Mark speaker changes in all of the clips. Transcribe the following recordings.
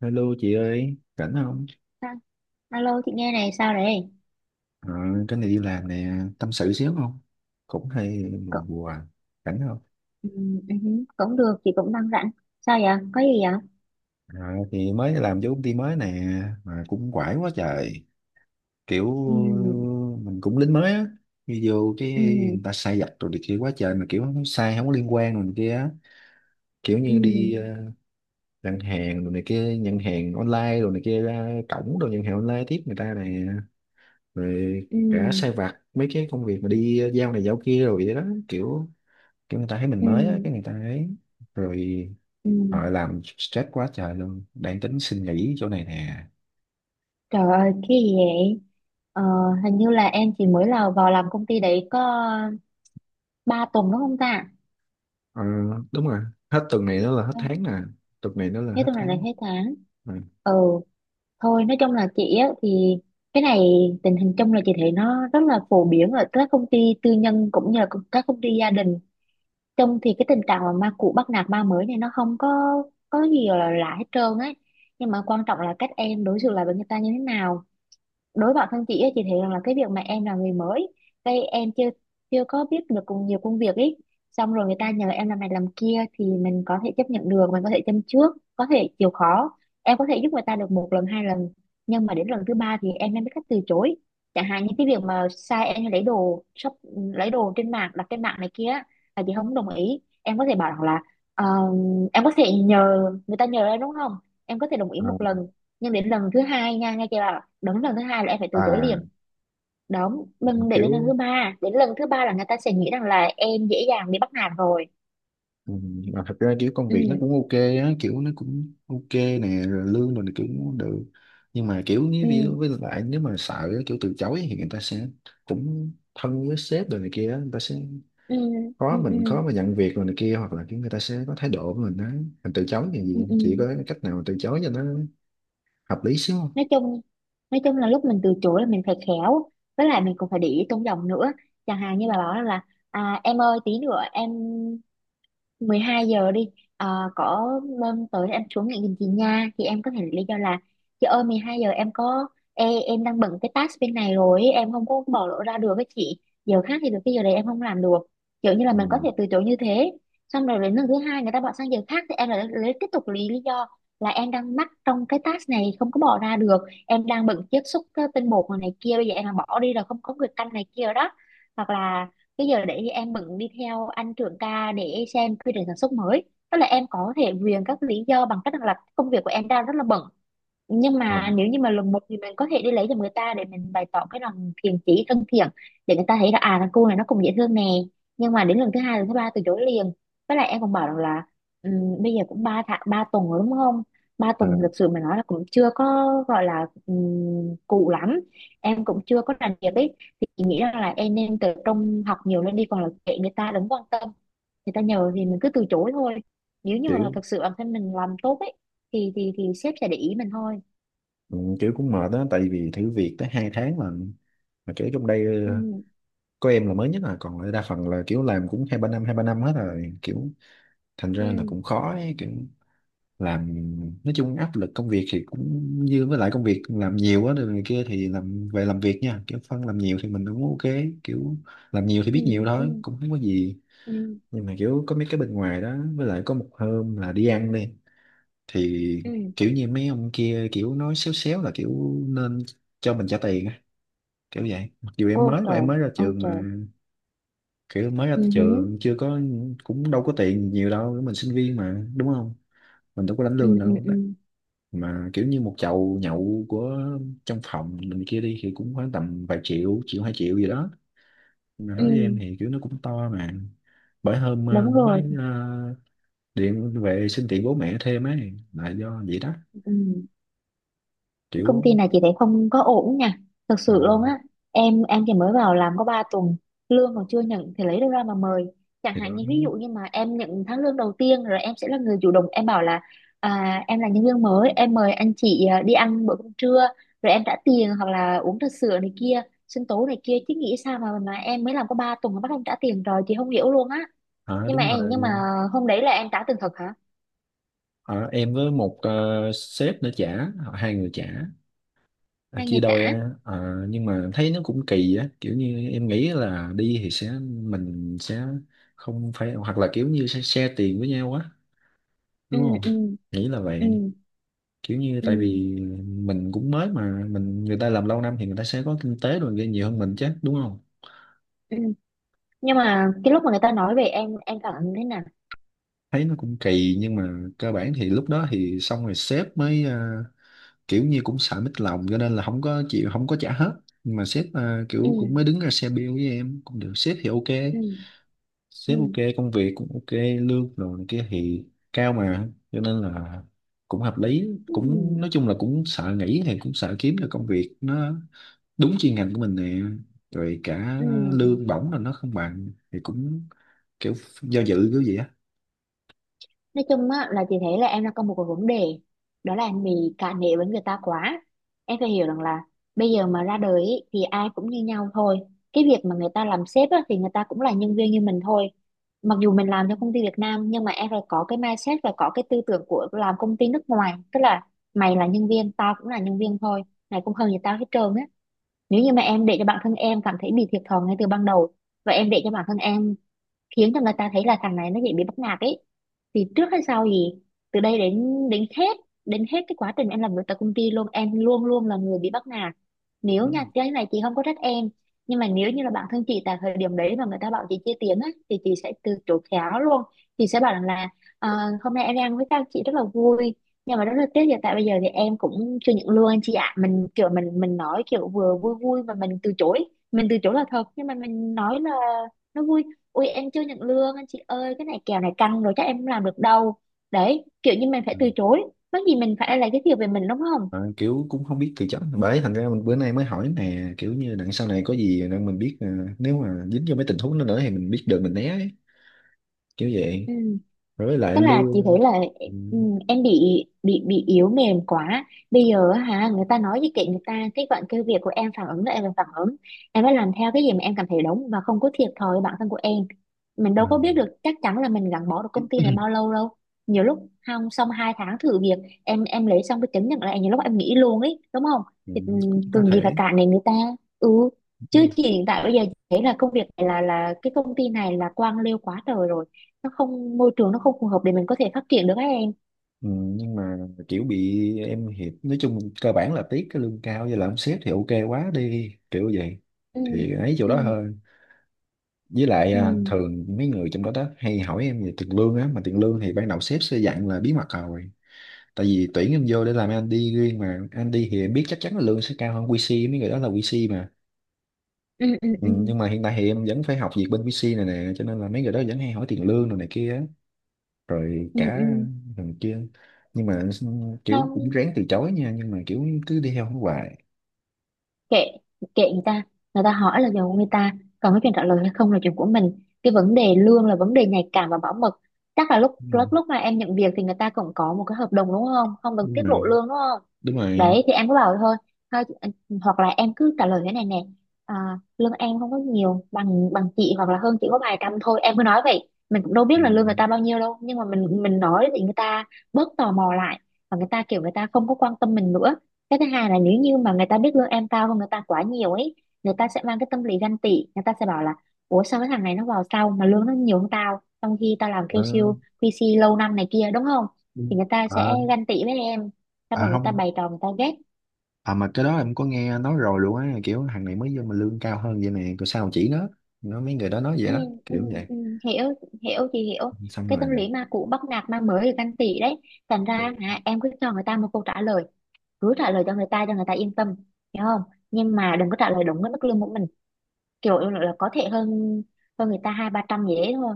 Speaker 1: Hello chị ơi, rảnh không?
Speaker 2: Sao? Alo chị nghe này sao đấy
Speaker 1: Ờ, cái này đi làm nè, tâm sự xíu không? Cũng hay
Speaker 2: cũng,
Speaker 1: buồn buồn, rảnh không?
Speaker 2: cũng được, chị cũng đang rảnh. Sao vậy, có gì vậy?
Speaker 1: Ờ, thì mới làm vô công ty mới nè, mà cũng quải quá trời. Kiểu
Speaker 2: Ừm,
Speaker 1: mình cũng lính mới á, đi vô cái
Speaker 2: ừm,
Speaker 1: người ta sai vặt rồi này kia quá trời, mà kiểu nó sai không có liên quan rồi này kia á. Kiểu như
Speaker 2: ừm,
Speaker 1: đi đặt hàng rồi này kia, nhận hàng online rồi này kia ra cổng rồi nhận hàng online tiếp người ta nè. Rồi cả
Speaker 2: ừm,
Speaker 1: sai vặt mấy cái công việc mà đi giao này giao kia rồi vậy đó, kiểu cái người ta thấy mình mới á
Speaker 2: ừm,
Speaker 1: cái người ta ấy rồi
Speaker 2: ừm.
Speaker 1: họ làm stress quá trời luôn, đang tính xin nghỉ chỗ này nè.
Speaker 2: Trời ơi cái gì vậy? ờ, Hình như là em chỉ mới là vào làm công ty đấy có 3 tuần đúng không ta?
Speaker 1: Ờ, đúng rồi, hết tuần này nó là hết
Speaker 2: Không,
Speaker 1: tháng nè, tuần này nó là
Speaker 2: hết
Speaker 1: hết
Speaker 2: tuần này là
Speaker 1: tháng
Speaker 2: hết tháng.
Speaker 1: Rồi.
Speaker 2: Ừ, thôi nói chung là chị á thì cái này, tình hình chung là chị thấy nó rất là phổ biến ở các công ty tư nhân cũng như là các công ty gia đình chung, thì cái tình trạng mà ma cũ bắt nạt ma mới này nó không có có gì gọi là lạ hết trơn ấy. Nhưng mà quan trọng là cách em đối xử lại với người ta như thế nào. Đối với bản thân chị ấy, chị thấy rằng là cái việc mà em là người mới, cái em chưa chưa có biết được cùng nhiều công việc ấy, xong rồi người ta nhờ em làm này làm kia thì mình có thể chấp nhận được, mình có thể châm trước, có thể chịu khó. Em có thể giúp người ta được một lần hai lần, nhưng mà đến lần thứ ba thì em nên biết cách từ chối. Chẳng hạn như cái việc mà sai em lấy đồ shop, lấy đồ trên mạng, đặt trên mạng này kia á, là chị không đồng ý. Em có thể bảo rằng là "Ờ, em có thể nhờ người ta nhờ em đúng không, em có thể đồng ý
Speaker 1: à,
Speaker 2: một lần nhưng đến lần thứ hai nha, nghe chưa, bảo đúng lần thứ hai là em phải từ chối
Speaker 1: à,
Speaker 2: liền. Đúng, mình để đến lần
Speaker 1: kiểu
Speaker 2: thứ ba, đến lần thứ ba là người ta sẽ nghĩ rằng là em dễ dàng bị bắt nạt rồi.
Speaker 1: ừ, mà thật ra kiểu công
Speaker 2: ừ
Speaker 1: việc nó cũng ok á, kiểu nó cũng ok nè, rồi lương mình kiểu cũng được, nhưng mà kiểu như
Speaker 2: ừ
Speaker 1: ví dụ, với lại nếu mà sợ kiểu từ chối thì người ta sẽ cũng thân với sếp rồi này kia á, người ta sẽ
Speaker 2: ừ ừ
Speaker 1: khó,
Speaker 2: ừ
Speaker 1: mình khó mà nhận việc rồi này kia, hoặc là cái người ta sẽ có thái độ của mình á, mình từ chối như
Speaker 2: ừ
Speaker 1: gì,
Speaker 2: ừ.
Speaker 1: chỉ có cách nào mà từ chối cho nó hợp lý xíu không?
Speaker 2: Nói chung, nói chung là lúc mình từ chối là mình phải khéo, với lại mình cũng phải để ý tôn giọng nữa. Chẳng hạn như bà bảo là em ơi tí nữa em 12 giờ đi, Ờ, có hôm tới em xuống nhận giùm chị nha, thì em có thể lý do là chị ơi 12 giờ em có Ê, em đang bận cái task bên này rồi ấy, em không có bỏ lỡ ra được với chị, giờ khác thì được, cái giờ đấy em không làm được. Kiểu như là mình có
Speaker 1: Ừ.
Speaker 2: thể từ chối như thế. Xong rồi đến lần thứ hai người ta bỏ sang giờ khác thì em lại lấy tiếp tục lý lý do là em đang mắc trong cái task này, không có bỏ ra được, em đang bận chiết xuất cái tinh bột này này kia, bây giờ em mà bỏ đi là không có người canh này kia đó, hoặc là cái giờ đấy thì em bận đi theo anh trưởng ca để xem quy trình sản xuất mới. Tức là em có thể viện các lý do bằng cách rằng là công việc của em đang rất là bận. Nhưng
Speaker 1: à,
Speaker 2: mà nếu như mà lần một thì mình có thể đi lấy cho người ta để mình bày tỏ cái lòng thiện chí thân thiện, để người ta thấy là à thằng cu này nó cũng dễ thương nè. Nhưng mà đến lần thứ hai lần thứ ba từ chối liền. Với lại em còn bảo rằng là bây giờ cũng ba tháng ba tuần rồi đúng không, ba tuần thì thực
Speaker 1: à,
Speaker 2: sự mà nói là cũng chưa có gọi là cụ lắm, em cũng chưa có làm việc ấy, thì chị nghĩ rằng là em nên tập trung học nhiều lên đi, còn là kệ người ta đừng quan tâm, người ta nhờ thì mình cứ từ chối thôi. Nếu như mà
Speaker 1: kiểu
Speaker 2: thật sự bản thân mình làm tốt ấy thì thì sếp sẽ để ý mình thôi.
Speaker 1: ừ, kiểu cũng mệt đó, tại vì thử việc tới hai tháng mà kiểu trong đây,
Speaker 2: ừ
Speaker 1: có em là mới nhất, là còn lại đa phần là kiểu làm cũng hai ba năm hết rồi, kiểu thành ra là
Speaker 2: ừ
Speaker 1: cũng khó ấy, kiểu làm, nói chung áp lực công việc thì cũng như với lại công việc làm nhiều quá rồi này kia, thì làm về làm việc nha, kiểu phân làm nhiều thì mình cũng ok, kiểu làm nhiều thì
Speaker 2: ừ
Speaker 1: biết nhiều
Speaker 2: ừ
Speaker 1: thôi, cũng không có gì.
Speaker 2: ừ
Speaker 1: Nhưng mà kiểu có mấy cái bên ngoài đó, với lại có một hôm là đi ăn đi, thì
Speaker 2: ừ
Speaker 1: kiểu như mấy ông kia kiểu nói xéo xéo là kiểu nên cho mình trả tiền á, kiểu vậy, mặc dù em
Speaker 2: Ô
Speaker 1: mới, mà
Speaker 2: trời,
Speaker 1: em mới ra
Speaker 2: ô
Speaker 1: trường mà,
Speaker 2: trời.
Speaker 1: kiểu mới ra
Speaker 2: Ừ hứ,
Speaker 1: trường chưa có, cũng đâu có tiền nhiều đâu, mình sinh viên mà đúng không, mình đâu có lãnh
Speaker 2: ừ
Speaker 1: lương
Speaker 2: ừ
Speaker 1: đâu,
Speaker 2: ừ
Speaker 1: mà kiểu như một chầu nhậu của trong phòng mình kia đi thì cũng khoảng tầm vài triệu, triệu hai triệu gì đó, mà
Speaker 2: ừ
Speaker 1: đối với em thì kiểu nó cũng to mà, bởi hôm
Speaker 2: Đúng rồi.
Speaker 1: điện về xin tiền bố mẹ thêm ấy là do vậy đó,
Speaker 2: Ừ, cái công
Speaker 1: kiểu
Speaker 2: ty này chị thấy không có ổn nha, thật
Speaker 1: ờ,
Speaker 2: sự luôn á. Em chỉ mới vào làm có 3 tuần, lương còn chưa nhận thì lấy đâu ra mà mời. Chẳng
Speaker 1: thì
Speaker 2: hạn
Speaker 1: đó.
Speaker 2: như ví dụ như mà em nhận tháng lương đầu tiên rồi em sẽ là người chủ động, em bảo là em là nhân viên mới, em mời anh chị đi ăn bữa cơm trưa, rồi em trả tiền, hoặc là uống trà sữa này kia, sinh tố này kia. Chứ nghĩ sao mà em mới làm có 3 tuần mà bắt em trả tiền, rồi chị không hiểu luôn á.
Speaker 1: Ờ,
Speaker 2: Nhưng mà
Speaker 1: đúng
Speaker 2: em,
Speaker 1: rồi.
Speaker 2: nhưng mà hôm đấy là em trả tiền thật hả
Speaker 1: Ờ, em với một sếp nữa trả, hai người trả. À,
Speaker 2: hay
Speaker 1: chia
Speaker 2: người trả?
Speaker 1: đôi á. Ờ, nhưng mà thấy nó cũng kỳ á, kiểu như em nghĩ là đi thì sẽ, mình sẽ không phải, hoặc là kiểu như sẽ share tiền với nhau á,
Speaker 2: ừ
Speaker 1: đúng không,
Speaker 2: ừ
Speaker 1: nghĩ là
Speaker 2: ừ
Speaker 1: vậy, kiểu như
Speaker 2: ừ
Speaker 1: tại vì mình cũng mới mà, mình người ta làm lâu năm thì người ta sẽ có kinh tế rồi kia nhiều hơn mình chứ, đúng không,
Speaker 2: ừ ừ. Nhưng mà cái lúc mà người ta nói về em cảm thấy thế nào?
Speaker 1: thấy nó cũng kỳ, nhưng mà cơ bản thì lúc đó thì xong rồi, sếp mới kiểu như cũng sợ mít lòng, cho nên là không có chịu, không có trả hết, nhưng mà sếp kiểu cũng mới
Speaker 2: ừ
Speaker 1: đứng ra xe bill với em, cũng được, sếp thì ok,
Speaker 2: ừ ừ
Speaker 1: sếp ok, công việc cũng ok, lương rồi này kia thì cao mà, cho nên là cũng hợp lý,
Speaker 2: ừ
Speaker 1: cũng nói chung là cũng sợ nghỉ thì cũng sợ kiếm được công việc nó đúng chuyên ngành của mình nè, rồi cả
Speaker 2: ừ
Speaker 1: lương bổng là nó không bằng thì cũng kiểu do dự kiểu gì á.
Speaker 2: nói chung á là chị thấy là em đang có một cái vấn đề, đó là em bị cả nể với người ta quá. Em phải hiểu rằng là bây giờ mà ra đời ý, thì ai cũng như nhau thôi. Cái việc mà người ta làm sếp á, thì người ta cũng là nhân viên như mình thôi. Mặc dù mình làm cho công ty Việt Nam nhưng mà em phải có cái mindset và có cái tư tưởng của làm công ty nước ngoài, tức là mày là nhân viên tao cũng là nhân viên thôi, mày cũng hơn gì tao hết trơn á. Nếu như mà em để cho bản thân em cảm thấy bị thiệt thòi ngay từ ban đầu, và em để cho bản thân em khiến cho người ta thấy là thằng này nó dễ bị bắt nạt ấy, thì trước hay sau gì, từ đây đến đến hết đến hết cái quá trình em làm việc tại công ty luôn, em luôn luôn là người bị bắt nạt. Nếu
Speaker 1: Đúng.
Speaker 2: nha, cái này chị không có trách em, nhưng mà nếu như là bản thân chị tại thời điểm đấy mà người ta bảo chị chia tiền á thì chị sẽ từ chối khéo luôn. Chị sẽ bảo rằng là "Ờ, hôm nay em đi ăn với các chị rất là vui, nhưng mà rất là tiếc, hiện tại bây giờ thì em cũng chưa nhận lương anh chị ạ", mình kiểu mình nói kiểu vừa vui vui mà mình từ chối. Mình từ chối là thật nhưng mà mình nói là nó vui. Ui em chưa nhận lương anh chị ơi, cái này kèo này căng rồi chắc em không làm được đâu. Đấy, kiểu như mình phải
Speaker 1: Ừ.
Speaker 2: từ chối, mắc gì mình phải lấy cái thiệu về mình đúng không.
Speaker 1: Mà kiểu cũng không biết từ chối, bởi thành ra mình bữa nay mới hỏi nè, kiểu như đằng sau này có gì nên mình biết, nếu mà dính vô mấy tình huống đó nữa thì mình biết được mình né ấy, kiểu vậy.
Speaker 2: Ừ,
Speaker 1: Rồi với lại
Speaker 2: tức là chị
Speaker 1: lương
Speaker 2: thấy là
Speaker 1: ừ.
Speaker 2: ừ, em bị yếu mềm quá. Bây giờ á hả người ta nói gì kệ người ta, cái cái việc của em phản ứng là em phải phản ứng, em phải làm theo cái gì mà em cảm thấy đúng và không có thiệt thòi với bản thân của em. Mình đâu có biết
Speaker 1: Ừ.
Speaker 2: được chắc chắn là mình gắn bó được công ty này bao lâu đâu. Nhiều lúc không xong hai tháng thử việc, em lấy xong cái chứng nhận lại nhiều lúc em nghỉ luôn ấy đúng không.
Speaker 1: Ừ,
Speaker 2: Thì ừ,
Speaker 1: cũng có
Speaker 2: cần gì phải
Speaker 1: thể.
Speaker 2: cản đến người ta. Ừ,
Speaker 1: Ừ.
Speaker 2: chứ chị hiện tại bây giờ thấy là công việc này là cái công ty này là quan liêu quá trời rồi, nó không môi trường, nó không phù hợp để mình có thể phát triển được các em.
Speaker 1: Ừ, nhưng mà kiểu bị em hiệp, nói chung cơ bản là tiếc cái lương cao với là ông sếp thì ok quá đi, kiểu vậy,
Speaker 2: ừ
Speaker 1: thì ấy chỗ
Speaker 2: ừ
Speaker 1: đó thôi, với lại
Speaker 2: ừ
Speaker 1: thường mấy người trong đó đó hay hỏi em về tiền lương á, mà tiền lương thì ban đầu sếp sẽ dặn là bí mật rồi, tại vì tuyển em vô để làm Andy riêng, mà Andy thì em biết chắc chắn là lương sẽ cao hơn QC, mấy người đó là QC mà.
Speaker 2: ừ ừ
Speaker 1: Ừ,
Speaker 2: ừ
Speaker 1: nhưng mà hiện tại thì em vẫn phải học việc bên QC này nè, cho nên là mấy người đó vẫn hay hỏi tiền lương rồi này kia á, rồi
Speaker 2: ừ
Speaker 1: cả
Speaker 2: ừ.
Speaker 1: thằng kia, nhưng mà kiểu cũng
Speaker 2: Không,
Speaker 1: ráng từ chối nha, nhưng mà kiểu cứ đi theo nó hoài.
Speaker 2: kệ, kệ người ta. Người ta hỏi là giàu của người ta, còn cái chuyện trả lời hay không là chuyện của mình. Cái vấn đề lương là vấn đề nhạy cảm và bảo mật. Chắc là lúc
Speaker 1: Ừ.
Speaker 2: lúc lúc mà em nhận việc thì người ta cũng có một cái hợp đồng đúng không, không được tiết lộ
Speaker 1: Ừ.
Speaker 2: lương đúng không?
Speaker 1: Đúng rồi.
Speaker 2: Đấy thì em cứ bảo thôi, thôi chị- hoặc là em cứ trả lời thế này nè. à, Lương em không có nhiều bằng bằng chị, hoặc là hơn chị có vài trăm thôi. Em cứ nói vậy, mình cũng đâu biết
Speaker 1: Ừ.
Speaker 2: là lương người ta bao nhiêu đâu, nhưng mà mình nói thì người ta bớt tò mò lại, và người ta kiểu người ta không có quan tâm mình nữa. Cái thứ hai là nếu như mà người ta biết lương em cao hơn người ta quá nhiều ấy, người ta sẽ mang cái tâm lý ganh tị. Người ta sẽ bảo là ủa sao cái thằng này nó vào sau mà lương nó nhiều hơn tao, trong khi tao làm
Speaker 1: Ờ,
Speaker 2: QC, QC lâu năm này kia đúng không.
Speaker 1: ừ.
Speaker 2: Thì người ta
Speaker 1: à,
Speaker 2: sẽ ganh tị với em, xong
Speaker 1: à,
Speaker 2: rồi người ta
Speaker 1: không.
Speaker 2: bày trò, người ta ghét.
Speaker 1: À mà cái đó em có nghe nói rồi luôn á, kiểu thằng này mới vô mà lương cao hơn vậy nè, rồi sao chỉ nó mấy người đó nói vậy
Speaker 2: Ừ,
Speaker 1: đó,
Speaker 2: ừ,
Speaker 1: kiểu vậy,
Speaker 2: ừ, hiểu. Hiểu thì hiểu,
Speaker 1: xong
Speaker 2: cái
Speaker 1: rồi
Speaker 2: tâm lý ma cũ bắt nạt ma mới thì ganh tị đấy. Thành ra hả, em cứ cho người ta một câu trả lời, cứ trả lời cho người ta yên tâm, hiểu không? Nhưng mà đừng có trả lời đúng với mức lương của mình. Kiểu em nói là có thể hơn hơn người ta hai ba trăm gì đấy thôi.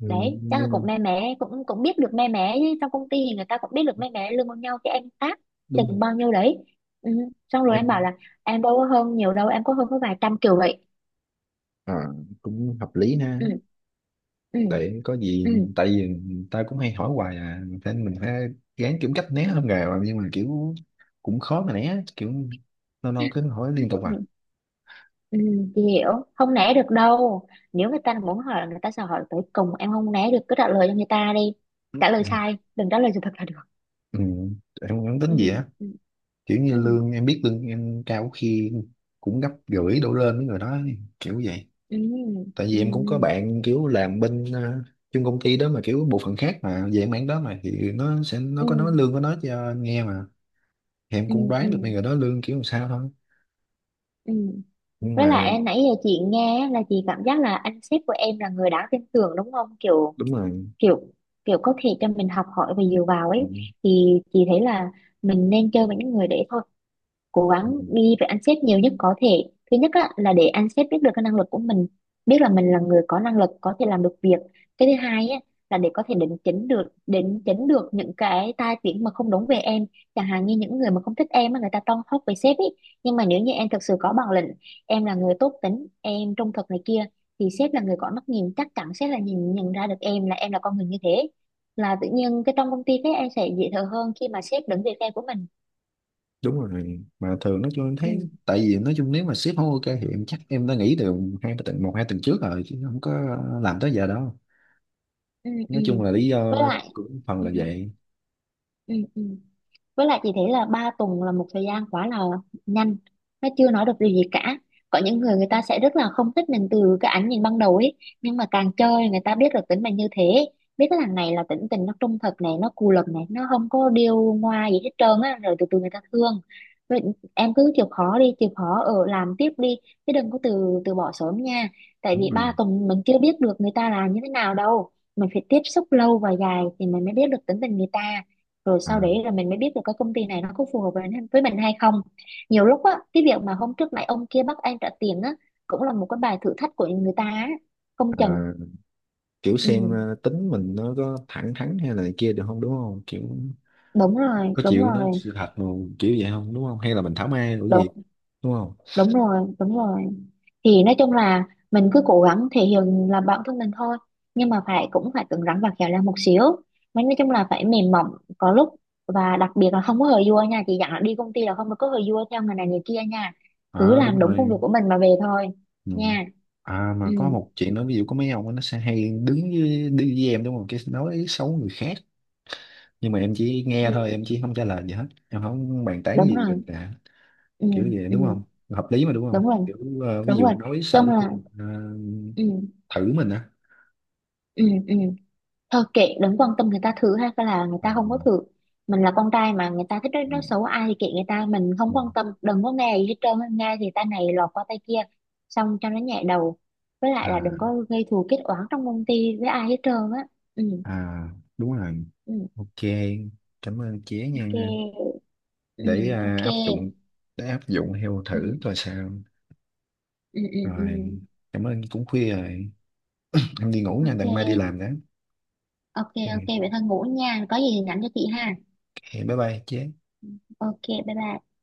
Speaker 1: ừ,
Speaker 2: Đấy chắc là
Speaker 1: nhưng mà
Speaker 2: cũng mé mé, cũng cũng biết được mé mé, chứ trong công ty thì người ta cũng biết được mé mé lương bao nhau cái em tác
Speaker 1: đúng
Speaker 2: chừng bao nhiêu đấy. Ừ. Xong rồi em bảo
Speaker 1: em
Speaker 2: là em đâu có hơn nhiều đâu, em có hơn có vài trăm kiểu vậy.
Speaker 1: ờ, cũng hợp lý ha,
Speaker 2: Ừ. Ừ.
Speaker 1: để có gì,
Speaker 2: Ừ.
Speaker 1: tại vì người ta cũng hay hỏi hoài à, thế mình phải gán kiếm cách né hơn rồi, nhưng mà kiểu cũng khó mà né, kiểu lâu lâu cứ hỏi liên tục
Speaker 2: Ừ,
Speaker 1: à.
Speaker 2: ừ, chị hiểu không, né được đâu. Nếu người ta muốn hỏi là người ta sẽ hỏi tới cùng, em không né được, cứ trả lời cho người ta đi. Trả lời
Speaker 1: Ừ.
Speaker 2: sai đừng trả lời sự thật là được.
Speaker 1: Ừ. Em không tính
Speaker 2: Ừ,
Speaker 1: gì á,
Speaker 2: ừ,
Speaker 1: kiểu như
Speaker 2: ừ,
Speaker 1: lương em, biết lương em cao khi cũng gấp rưỡi đổ lên với người đó, kiểu vậy,
Speaker 2: ừ, ừ,
Speaker 1: tại vì
Speaker 2: ừ.
Speaker 1: em cũng có bạn kiểu làm bên chung công ty đó mà, kiểu bộ phận khác mà về mảng đó mà, thì nó sẽ, nó
Speaker 2: Ừ.
Speaker 1: có nói lương của nó cho anh nghe mà, thì em
Speaker 2: Ừ,
Speaker 1: cũng
Speaker 2: ừ,
Speaker 1: đoán được mấy người đó lương kiểu làm sao thôi,
Speaker 2: ừ,
Speaker 1: nhưng
Speaker 2: với
Speaker 1: mà
Speaker 2: lại nãy giờ chị nghe á, là chị cảm giác là anh sếp của em là người đáng tin tưởng đúng không, kiểu
Speaker 1: đúng rồi.
Speaker 2: kiểu kiểu có thể cho mình học hỏi và dựa vào ấy.
Speaker 1: Ừ,
Speaker 2: Thì chị thấy là mình nên chơi với những người đấy thôi, cố
Speaker 1: ừ,
Speaker 2: gắng đi với anh sếp nhiều nhất có thể. Thứ nhất á, là để anh sếp biết được cái năng lực của mình, biết là mình là người có năng lực có thể làm được việc. Cái thứ hai á, là để có thể định chỉnh được những cái tai tiếng mà không đúng về em. Chẳng hạn như những người mà không thích em mà người ta toan hốc về sếp ấy, nhưng mà nếu như em thực sự có bản lĩnh, em là người tốt tính, em trung thực này kia, thì sếp là người có mắt nhìn, chắc chắn sếp là nhìn nhận ra được em là con người như thế. Là tự nhiên cái trong công ty cái em sẽ dễ thở hơn khi mà sếp đứng về phe của mình.
Speaker 1: đúng rồi, mà thường nói chung em thấy,
Speaker 2: Ừ.
Speaker 1: tại vì nói chung nếu mà sếp không ok thì em chắc em đã nghỉ từ hai ba tuần, một hai tuần trước rồi, chứ không có làm tới giờ đâu,
Speaker 2: Ừ, ừ,
Speaker 1: nói chung là lý
Speaker 2: với
Speaker 1: do
Speaker 2: lại
Speaker 1: cũng phần
Speaker 2: ừ,
Speaker 1: là vậy.
Speaker 2: ừ, ừ, với lại chị thấy là 3 tuần là một thời gian quá là nhanh, nó chưa nói được điều gì cả. Có những người người ta sẽ rất là không thích mình từ cái ánh nhìn ban đầu ấy, nhưng mà càng chơi người ta biết được tính mình như thế, biết cái thằng này là tính tình nó trung thực này, nó cù lần này, nó không có điêu ngoa gì hết trơn á, rồi từ từ người ta thương. Vậy em cứ chịu khó đi, chịu khó ở làm tiếp đi, chứ đừng có từ từ bỏ sớm nha. Tại
Speaker 1: Đúng
Speaker 2: vì ba
Speaker 1: rồi.
Speaker 2: tuần mình chưa biết được người ta là như thế nào đâu, mình phải tiếp xúc lâu và dài thì mình mới biết được tính tình người ta. Rồi
Speaker 1: à,
Speaker 2: sau đấy là mình mới biết được cái công ty này nó có phù hợp với mình hay không. Nhiều lúc á, cái việc mà hôm trước nãy ông kia bắt anh trả tiền á, cũng là một cái bài thử thách của người ta á. Không
Speaker 1: à,
Speaker 2: chừng.
Speaker 1: kiểu xem
Speaker 2: Ừ,
Speaker 1: tính mình nó có thẳng thắn hay là này kia được không, đúng không, kiểu
Speaker 2: đúng rồi,
Speaker 1: có
Speaker 2: đúng
Speaker 1: chịu nói
Speaker 2: rồi,
Speaker 1: sự thật mà, kiểu vậy không, đúng không, hay là mình thảo mai đổi việc,
Speaker 2: đúng,
Speaker 1: đúng không?
Speaker 2: đúng rồi, đúng rồi. Thì nói chung là mình cứ cố gắng thể hiện là bản thân mình thôi, nhưng mà phải cũng phải cứng rắn và khéo léo một xíu. Mình nói chung là phải mềm mỏng có lúc, và đặc biệt là không có hờ vua nha. Chị dặn là đi công ty là không được có hờ vua theo người này người kia nha. Cứ
Speaker 1: Ờ, đúng
Speaker 2: làm đúng công
Speaker 1: rồi.
Speaker 2: việc của mình mà về thôi
Speaker 1: Ừ.
Speaker 2: nha.
Speaker 1: À
Speaker 2: Ừ,
Speaker 1: mà có một chuyện nữa, ví dụ có mấy ông á, nó sẽ hay đứng với, đi với em đúng không, cái nói xấu người khác, nhưng mà em chỉ nghe
Speaker 2: ừ,
Speaker 1: thôi, em chỉ không trả lời gì hết, em không bàn tán
Speaker 2: đúng
Speaker 1: gì về
Speaker 2: rồi,
Speaker 1: cả,
Speaker 2: ừ,
Speaker 1: kiểu vậy
Speaker 2: ừ,
Speaker 1: đúng không, hợp lý mà đúng không,
Speaker 2: đúng rồi,
Speaker 1: kiểu ví
Speaker 2: đúng
Speaker 1: dụ
Speaker 2: rồi.
Speaker 1: nói
Speaker 2: Chung
Speaker 1: sợ cái
Speaker 2: là
Speaker 1: người ta
Speaker 2: ừ,
Speaker 1: thử mình á.
Speaker 2: ừ, ừ, thôi kệ, đừng quan tâm người ta thử hay là người
Speaker 1: Ừ.
Speaker 2: ta không có thử. Mình là con trai mà, người ta thích nói,
Speaker 1: Ừ,
Speaker 2: nói xấu ai thì kệ người ta, mình
Speaker 1: ừ.
Speaker 2: không quan tâm, đừng có nghe gì hết trơn. Nghe thì tay này lọt qua tay kia, xong cho nó nhẹ đầu. Với lại là đừng có
Speaker 1: à
Speaker 2: gây thù kết oán trong công ty với ai hết trơn á. Ừ,
Speaker 1: à. Đúng rồi.
Speaker 2: ừ,
Speaker 1: Ok, cảm ơn chế
Speaker 2: ok,
Speaker 1: nha,
Speaker 2: ừ,
Speaker 1: để
Speaker 2: ok,
Speaker 1: áp dụng, để áp dụng theo thử
Speaker 2: ừ,
Speaker 1: coi sao.
Speaker 2: ừ, ừ, ừ.
Speaker 1: Rồi, cảm ơn, cũng khuya rồi, em đi ngủ nha, đằng mai đi
Speaker 2: Ok,
Speaker 1: làm đó.
Speaker 2: ok, ok
Speaker 1: Ok,
Speaker 2: vậy thôi, ngủ nha, có gì thì nhắn cho chị ha.
Speaker 1: bye bye chế.
Speaker 2: Ok, bye bye.